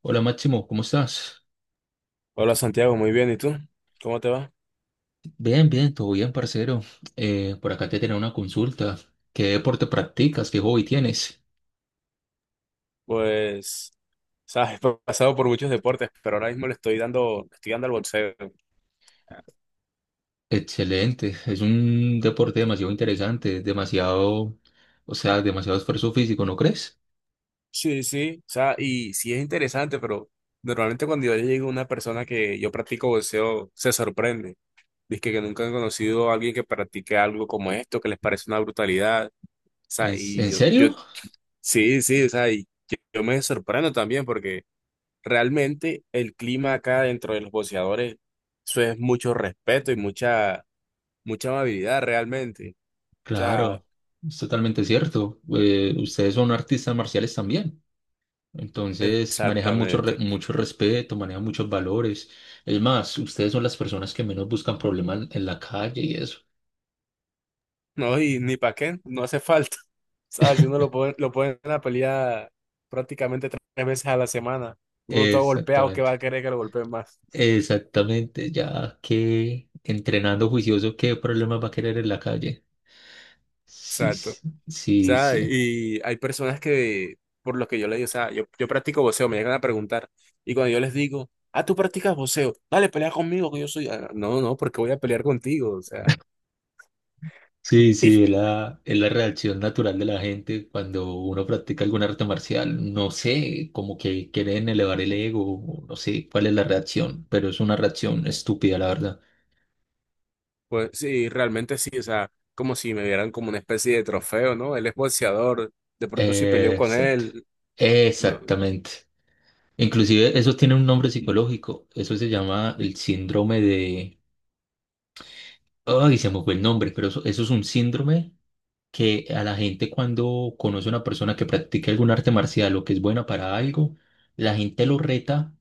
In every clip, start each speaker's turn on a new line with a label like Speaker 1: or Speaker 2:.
Speaker 1: Hola Máximo, ¿cómo estás?
Speaker 2: Hola Santiago, muy bien. ¿Y tú? ¿Cómo te va?
Speaker 1: Bien, bien, todo bien, parcero. Por acá te tenía una consulta. ¿Qué deporte practicas? ¿Qué hobby tienes?
Speaker 2: Pues, sabes, he pasado por muchos deportes, pero ahora mismo le estoy dando al boxeo.
Speaker 1: Excelente, es un deporte demasiado interesante, demasiado, o sea, demasiado esfuerzo físico, ¿no crees?
Speaker 2: Sí, sí, o sea, y sí es interesante, pero normalmente cuando yo llego a una persona que yo practico boxeo, se sorprende. Dice que nunca han conocido a alguien que practique algo como esto, que les parece una brutalidad. O sea,
Speaker 1: ¿En, en serio?
Speaker 2: sí, sí, o sea, y yo me sorprendo también porque realmente el clima acá dentro de los boxeadores, eso es mucho respeto y mucha amabilidad realmente. O sea,
Speaker 1: Claro, es totalmente cierto. Ustedes son artistas marciales también, entonces manejan mucho,
Speaker 2: exactamente.
Speaker 1: re- mucho respeto, manejan muchos valores. Es más, ustedes son las personas que menos buscan problemas en la calle y eso.
Speaker 2: No, y ni para qué, no hace falta. O sea, si uno lo pone en la pelea prácticamente tres veces a la semana, uno todo golpeado, ¿qué va
Speaker 1: Exactamente.
Speaker 2: a querer que lo golpeen más?
Speaker 1: Exactamente, ya que entrenando juicioso, ¿qué problemas va a querer en la calle? Sí,
Speaker 2: Exacto. O
Speaker 1: sí, sí,
Speaker 2: sea,
Speaker 1: sí.
Speaker 2: y hay personas que, por lo que yo le digo, o sea, yo practico boxeo, me llegan a preguntar, y cuando yo les digo, ah, tú practicas boxeo, dale, pelea conmigo, que yo soy, "Ah, no, no, porque voy a pelear contigo, o sea."
Speaker 1: Sí, sí, es la, es la reacción natural de la gente cuando uno practica algún arte marcial. No sé, como que quieren elevar el ego, o no sé cuál es la reacción, pero es una reacción estúpida, la verdad.
Speaker 2: Pues sí, realmente sí, o sea, como si me vieran como una especie de trofeo, ¿no? Él es boxeador, de pronto si peleó con
Speaker 1: Exacto.
Speaker 2: él, no,
Speaker 1: Exactamente. Inclusive eso tiene un nombre psicológico. Eso se llama el síndrome de... Ay, se me fue el nombre, pero eso es un síndrome que a la gente cuando conoce a una persona que practica algún arte marcial o que es buena para algo, la gente lo reta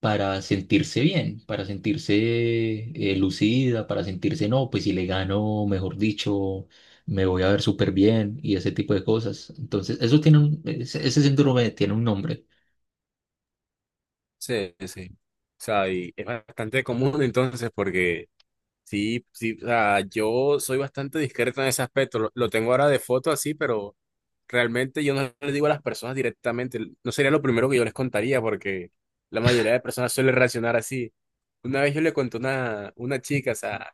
Speaker 1: para sentirse bien, para sentirse lucida, para sentirse, no, pues si le gano, mejor dicho, me voy a ver súper bien y ese tipo de cosas. Entonces, eso tiene ese síndrome tiene un nombre.
Speaker 2: sí, sí. O sea, y es bastante común entonces porque sí, sí, o sea, yo soy bastante discreto en ese aspecto. Lo tengo ahora de foto así, pero realmente yo no les digo a las personas directamente. No sería lo primero que yo les contaría, porque la mayoría de personas suele reaccionar así. Una vez yo le conté a una chica, o sea,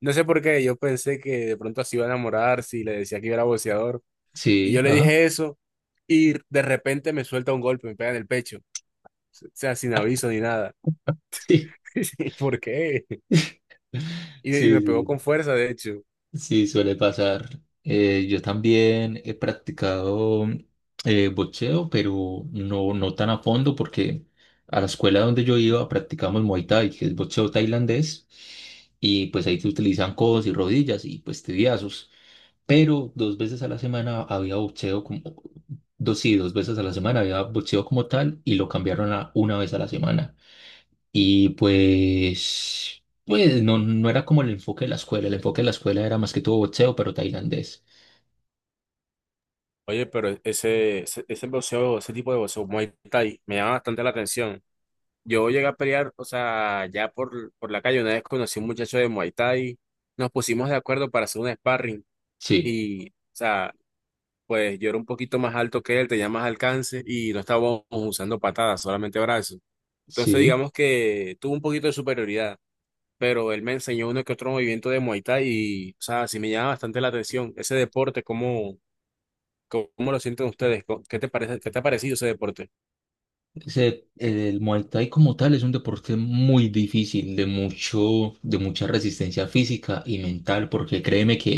Speaker 2: no sé por qué, yo pensé que de pronto así iba a enamorar si le decía que yo era boxeador. Y
Speaker 1: Sí,
Speaker 2: yo le
Speaker 1: ajá.
Speaker 2: dije eso, y de repente me suelta un golpe, me pega en el pecho. O sea, sin aviso ni nada.
Speaker 1: Sí,
Speaker 2: ¿Por qué? Y me
Speaker 1: sí,
Speaker 2: pegó
Speaker 1: sí.
Speaker 2: con fuerza, de hecho.
Speaker 1: Sí, suele pasar. Yo también he practicado boxeo, pero no tan a fondo porque a la escuela donde yo iba practicamos Muay Thai, que es boxeo tailandés, y pues ahí se utilizan codos y rodillas y pues tibiazos. Pero dos veces a la semana había boxeo como, dos, sí, dos veces a la semana había boxeo como tal y lo cambiaron a una vez a la semana. Y pues no era como el enfoque de la escuela, el enfoque de la escuela era más que todo boxeo, pero tailandés.
Speaker 2: Oye, pero ese boxeo, ese tipo de boxeo, Muay Thai, me llama bastante la atención. Yo llegué a pelear, o sea, ya por la calle, una vez conocí a un muchacho de Muay Thai, nos pusimos de acuerdo para hacer un sparring
Speaker 1: Sí,
Speaker 2: y, o sea, pues yo era un poquito más alto que él, tenía más alcance y no estábamos usando patadas, solamente brazos. Entonces,
Speaker 1: sí,
Speaker 2: digamos que tuvo un poquito de superioridad, pero él me enseñó uno que otro movimiento de Muay Thai y, o sea, sí me llama bastante la atención ese deporte, como ¿cómo lo sienten ustedes? ¿Qué te parece, qué te ha parecido ese deporte?
Speaker 1: el Muay Thai como tal es un deporte muy difícil, de mucha resistencia física y mental, porque créeme que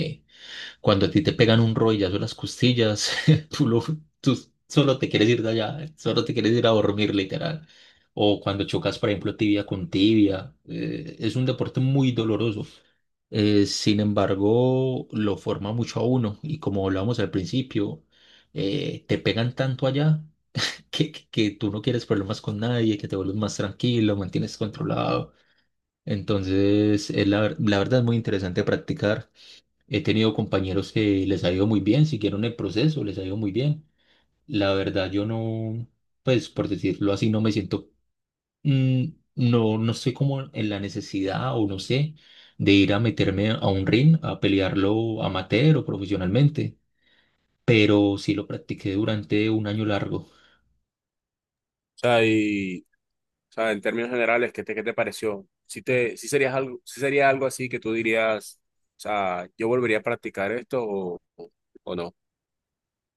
Speaker 1: cuando a ti te pegan un rodillazo en las costillas, tú, lo- tú solo te quieres ir de allá, solo te quieres ir a dormir, literal. O cuando chocas, por ejemplo, tibia con tibia, es un deporte muy doloroso. Sin embargo, lo forma mucho a uno y como hablábamos al principio, te pegan tanto allá que tú no quieres problemas con nadie, que te vuelves más tranquilo, mantienes controlado. Entonces, la verdad es muy interesante practicar. He tenido compañeros que les ha ido muy bien, siguieron el proceso, les ha ido muy bien. La verdad, yo no, pues por decirlo así, no me siento, mm, no estoy como en la necesidad o no sé, de ir a meterme a un ring a pelearlo amateur o profesionalmente, pero sí lo practiqué durante un año largo.
Speaker 2: O sea, y, o sea, en términos generales, ¿qué te pareció? Si serías algo, si sería algo así que tú dirías, o sea, yo volvería a practicar esto o no.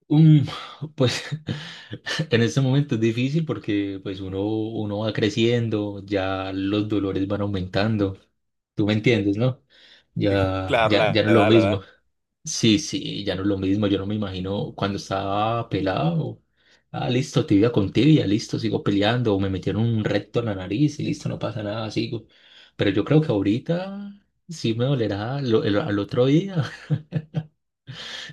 Speaker 1: Mm, pues en este momento es difícil porque pues uno va creciendo, ya los dolores van aumentando. Tú me entiendes, ¿no?
Speaker 2: Y
Speaker 1: Ya,
Speaker 2: Claro,
Speaker 1: ya, ya
Speaker 2: la
Speaker 1: no es lo
Speaker 2: edad, la
Speaker 1: mismo.
Speaker 2: edad.
Speaker 1: Sí, sí, ya no es lo mismo. Yo no me imagino cuando estaba pelado. Ah, listo, tibia con tibia, listo, sigo peleando. O me metieron un recto en la nariz y listo, no pasa nada, sigo. Pero yo creo que ahorita sí me dolerá al otro día.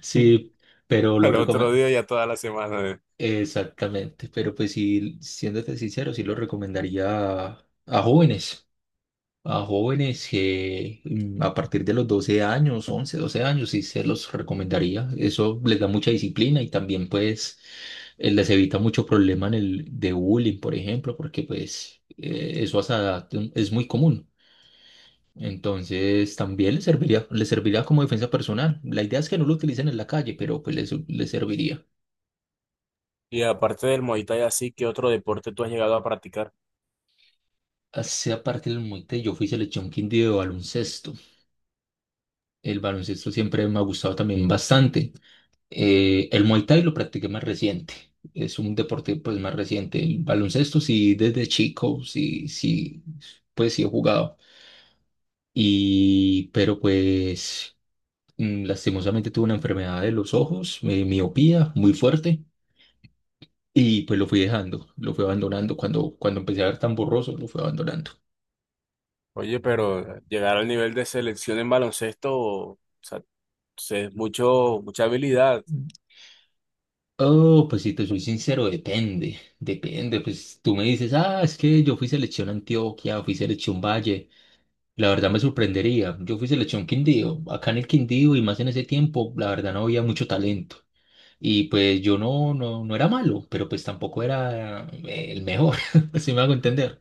Speaker 1: Sí, pero lo
Speaker 2: El otro
Speaker 1: recomiendo.
Speaker 2: día ya toda la semana. ¿Eh?
Speaker 1: Exactamente, pero pues sí, siéndote sincero, sí lo recomendaría a jóvenes. A jóvenes que a partir de los 12 años, 11 12 años, sí se los recomendaría. Eso les da mucha disciplina y también pues les evita mucho problema en el de bullying, por ejemplo, porque pues eso a esa edad es muy común. Entonces también les serviría como defensa personal. La idea es que no lo utilicen en la calle, pero pues les serviría.
Speaker 2: Y aparte del Muay Thai, así, ¿qué otro deporte tú has llegado a practicar?
Speaker 1: Hacia parte del monte, yo fui selección Quindío de baloncesto. El baloncesto siempre me ha gustado también bastante. El Muay Thai lo practiqué más reciente. Es un deporte pues más reciente. El baloncesto sí desde chico, sí, sí, pues sí he jugado. Y pero pues lastimosamente tuve una enfermedad de los ojos, miopía muy fuerte y pues lo fui dejando, lo fui abandonando cuando empecé a ver tan borroso, lo fui abandonando.
Speaker 2: Oye, pero llegar al nivel de selección en baloncesto, o sea, es mucho, mucha habilidad.
Speaker 1: Oh, pues si te soy sincero, depende, depende. Pues tú me dices, ah, es que yo fui selección Antioquia, fui selección Valle. La verdad me sorprendería. Yo fui selección Quindío. Acá en el Quindío y más en ese tiempo, la verdad no había mucho talento. Y pues yo no era malo, pero pues tampoco era el mejor, si me hago entender.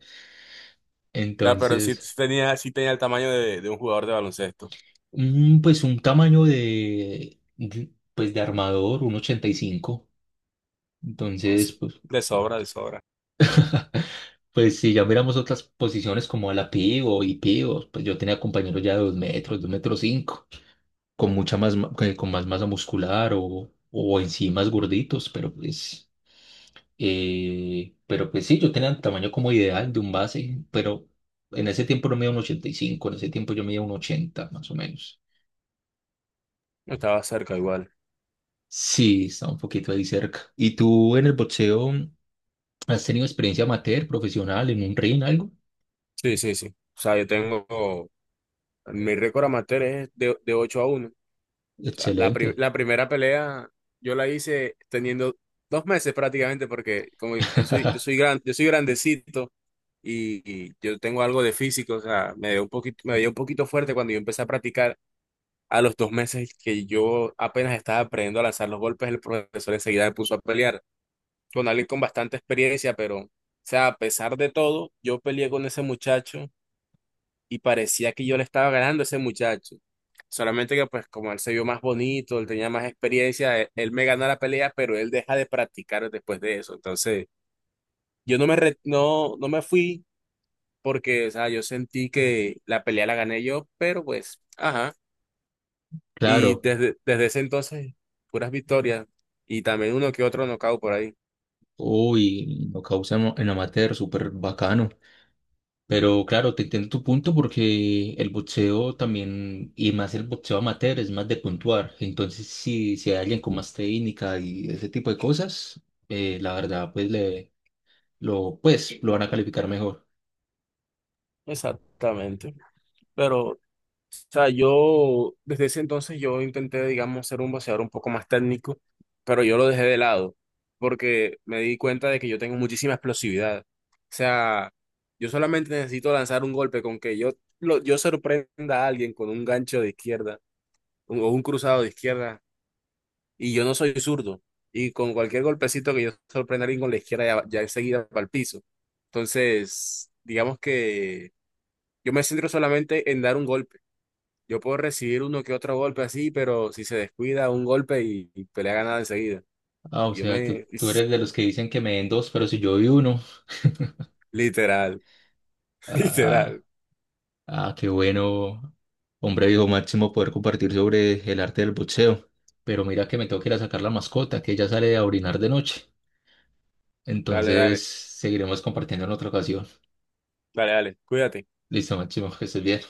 Speaker 2: Sea, pero sí
Speaker 1: Entonces,
Speaker 2: tenía, sí tenía el tamaño de un jugador de baloncesto.
Speaker 1: un tamaño pues de armador, un 85. Entonces,
Speaker 2: Entonces,
Speaker 1: pues,
Speaker 2: de
Speaker 1: ah,
Speaker 2: sobra, de sobra.
Speaker 1: pues si ya miramos otras posiciones como a la pivo y pivos, pues yo tenía compañeros ya de 2 metros, 2 metros cinco con mucha más, ma- que- con más masa muscular o, en sí más gorditos, pero pues sí, yo tenía el tamaño como ideal de un base, pero en ese tiempo no medía un 85, en ese tiempo yo medía un 80 más o menos.
Speaker 2: Estaba cerca igual.
Speaker 1: Sí, está un poquito ahí cerca. ¿Y tú en el boxeo has tenido experiencia amateur, profesional, en un ring, algo?
Speaker 2: Sí, sí, sí. O sea, yo tengo, mi récord amateur es de 8-1. O sea, la, pri-
Speaker 1: Excelente.
Speaker 2: la primera pelea yo la hice teniendo 2 meses prácticamente porque como yo soy, yo soy gran, yo soy grandecito y yo tengo algo de físico, o sea, me dio un poquito fuerte cuando yo empecé a practicar. A los 2 meses que yo apenas estaba aprendiendo a lanzar los golpes, el profesor enseguida me puso a pelear con alguien con bastante experiencia, pero, o sea, a pesar de todo, yo peleé con ese muchacho y parecía que yo le estaba ganando a ese muchacho. Solamente que, pues, como él se vio más bonito, él tenía más experiencia, él me ganó la pelea, pero él deja de practicar después de eso. Entonces, yo no me, re- no, no me fui porque, o sea, yo sentí que la pelea la gané yo, pero pues, ajá. Y
Speaker 1: Claro.
Speaker 2: desde ese entonces, puras victorias y también uno que otro nocaut por ahí.
Speaker 1: Uy, lo causa en amateur, súper bacano. Pero claro, te entiendo tu punto porque el boxeo también, y más el boxeo amateur, es más de puntuar. Entonces, si hay alguien con más técnica y ese tipo de cosas, la verdad, pues, pues lo van a calificar mejor.
Speaker 2: Exactamente. Pero sea, yo desde ese entonces yo intenté, digamos, ser un boxeador un poco más técnico, pero yo lo dejé de lado porque me di cuenta de que yo tengo muchísima explosividad. O sea, yo solamente necesito lanzar un golpe con que yo sorprenda a alguien con un gancho de izquierda o un cruzado de izquierda y yo no soy zurdo. Y con cualquier golpecito que yo sorprenda a alguien con la izquierda ya, ya enseguida para el piso. Entonces, digamos que yo me centro solamente en dar un golpe yo puedo recibir uno que otro golpe así, pero si se descuida, un golpe y pelea ganada enseguida.
Speaker 1: Ah, o
Speaker 2: Yo
Speaker 1: sea, tú,
Speaker 2: me...
Speaker 1: tú eres de los que dicen que me den dos, pero si yo vi uno,
Speaker 2: Literal, literal.
Speaker 1: ah, ah, qué bueno, hombre viejo Máximo poder compartir sobre el arte del boxeo. Pero mira que me tengo que ir a sacar la mascota, que ella sale a orinar de noche.
Speaker 2: Dale,
Speaker 1: Entonces,
Speaker 2: dale,
Speaker 1: seguiremos compartiendo en otra ocasión.
Speaker 2: dale, dale. Cuídate.
Speaker 1: Listo, Máximo, que estés bien.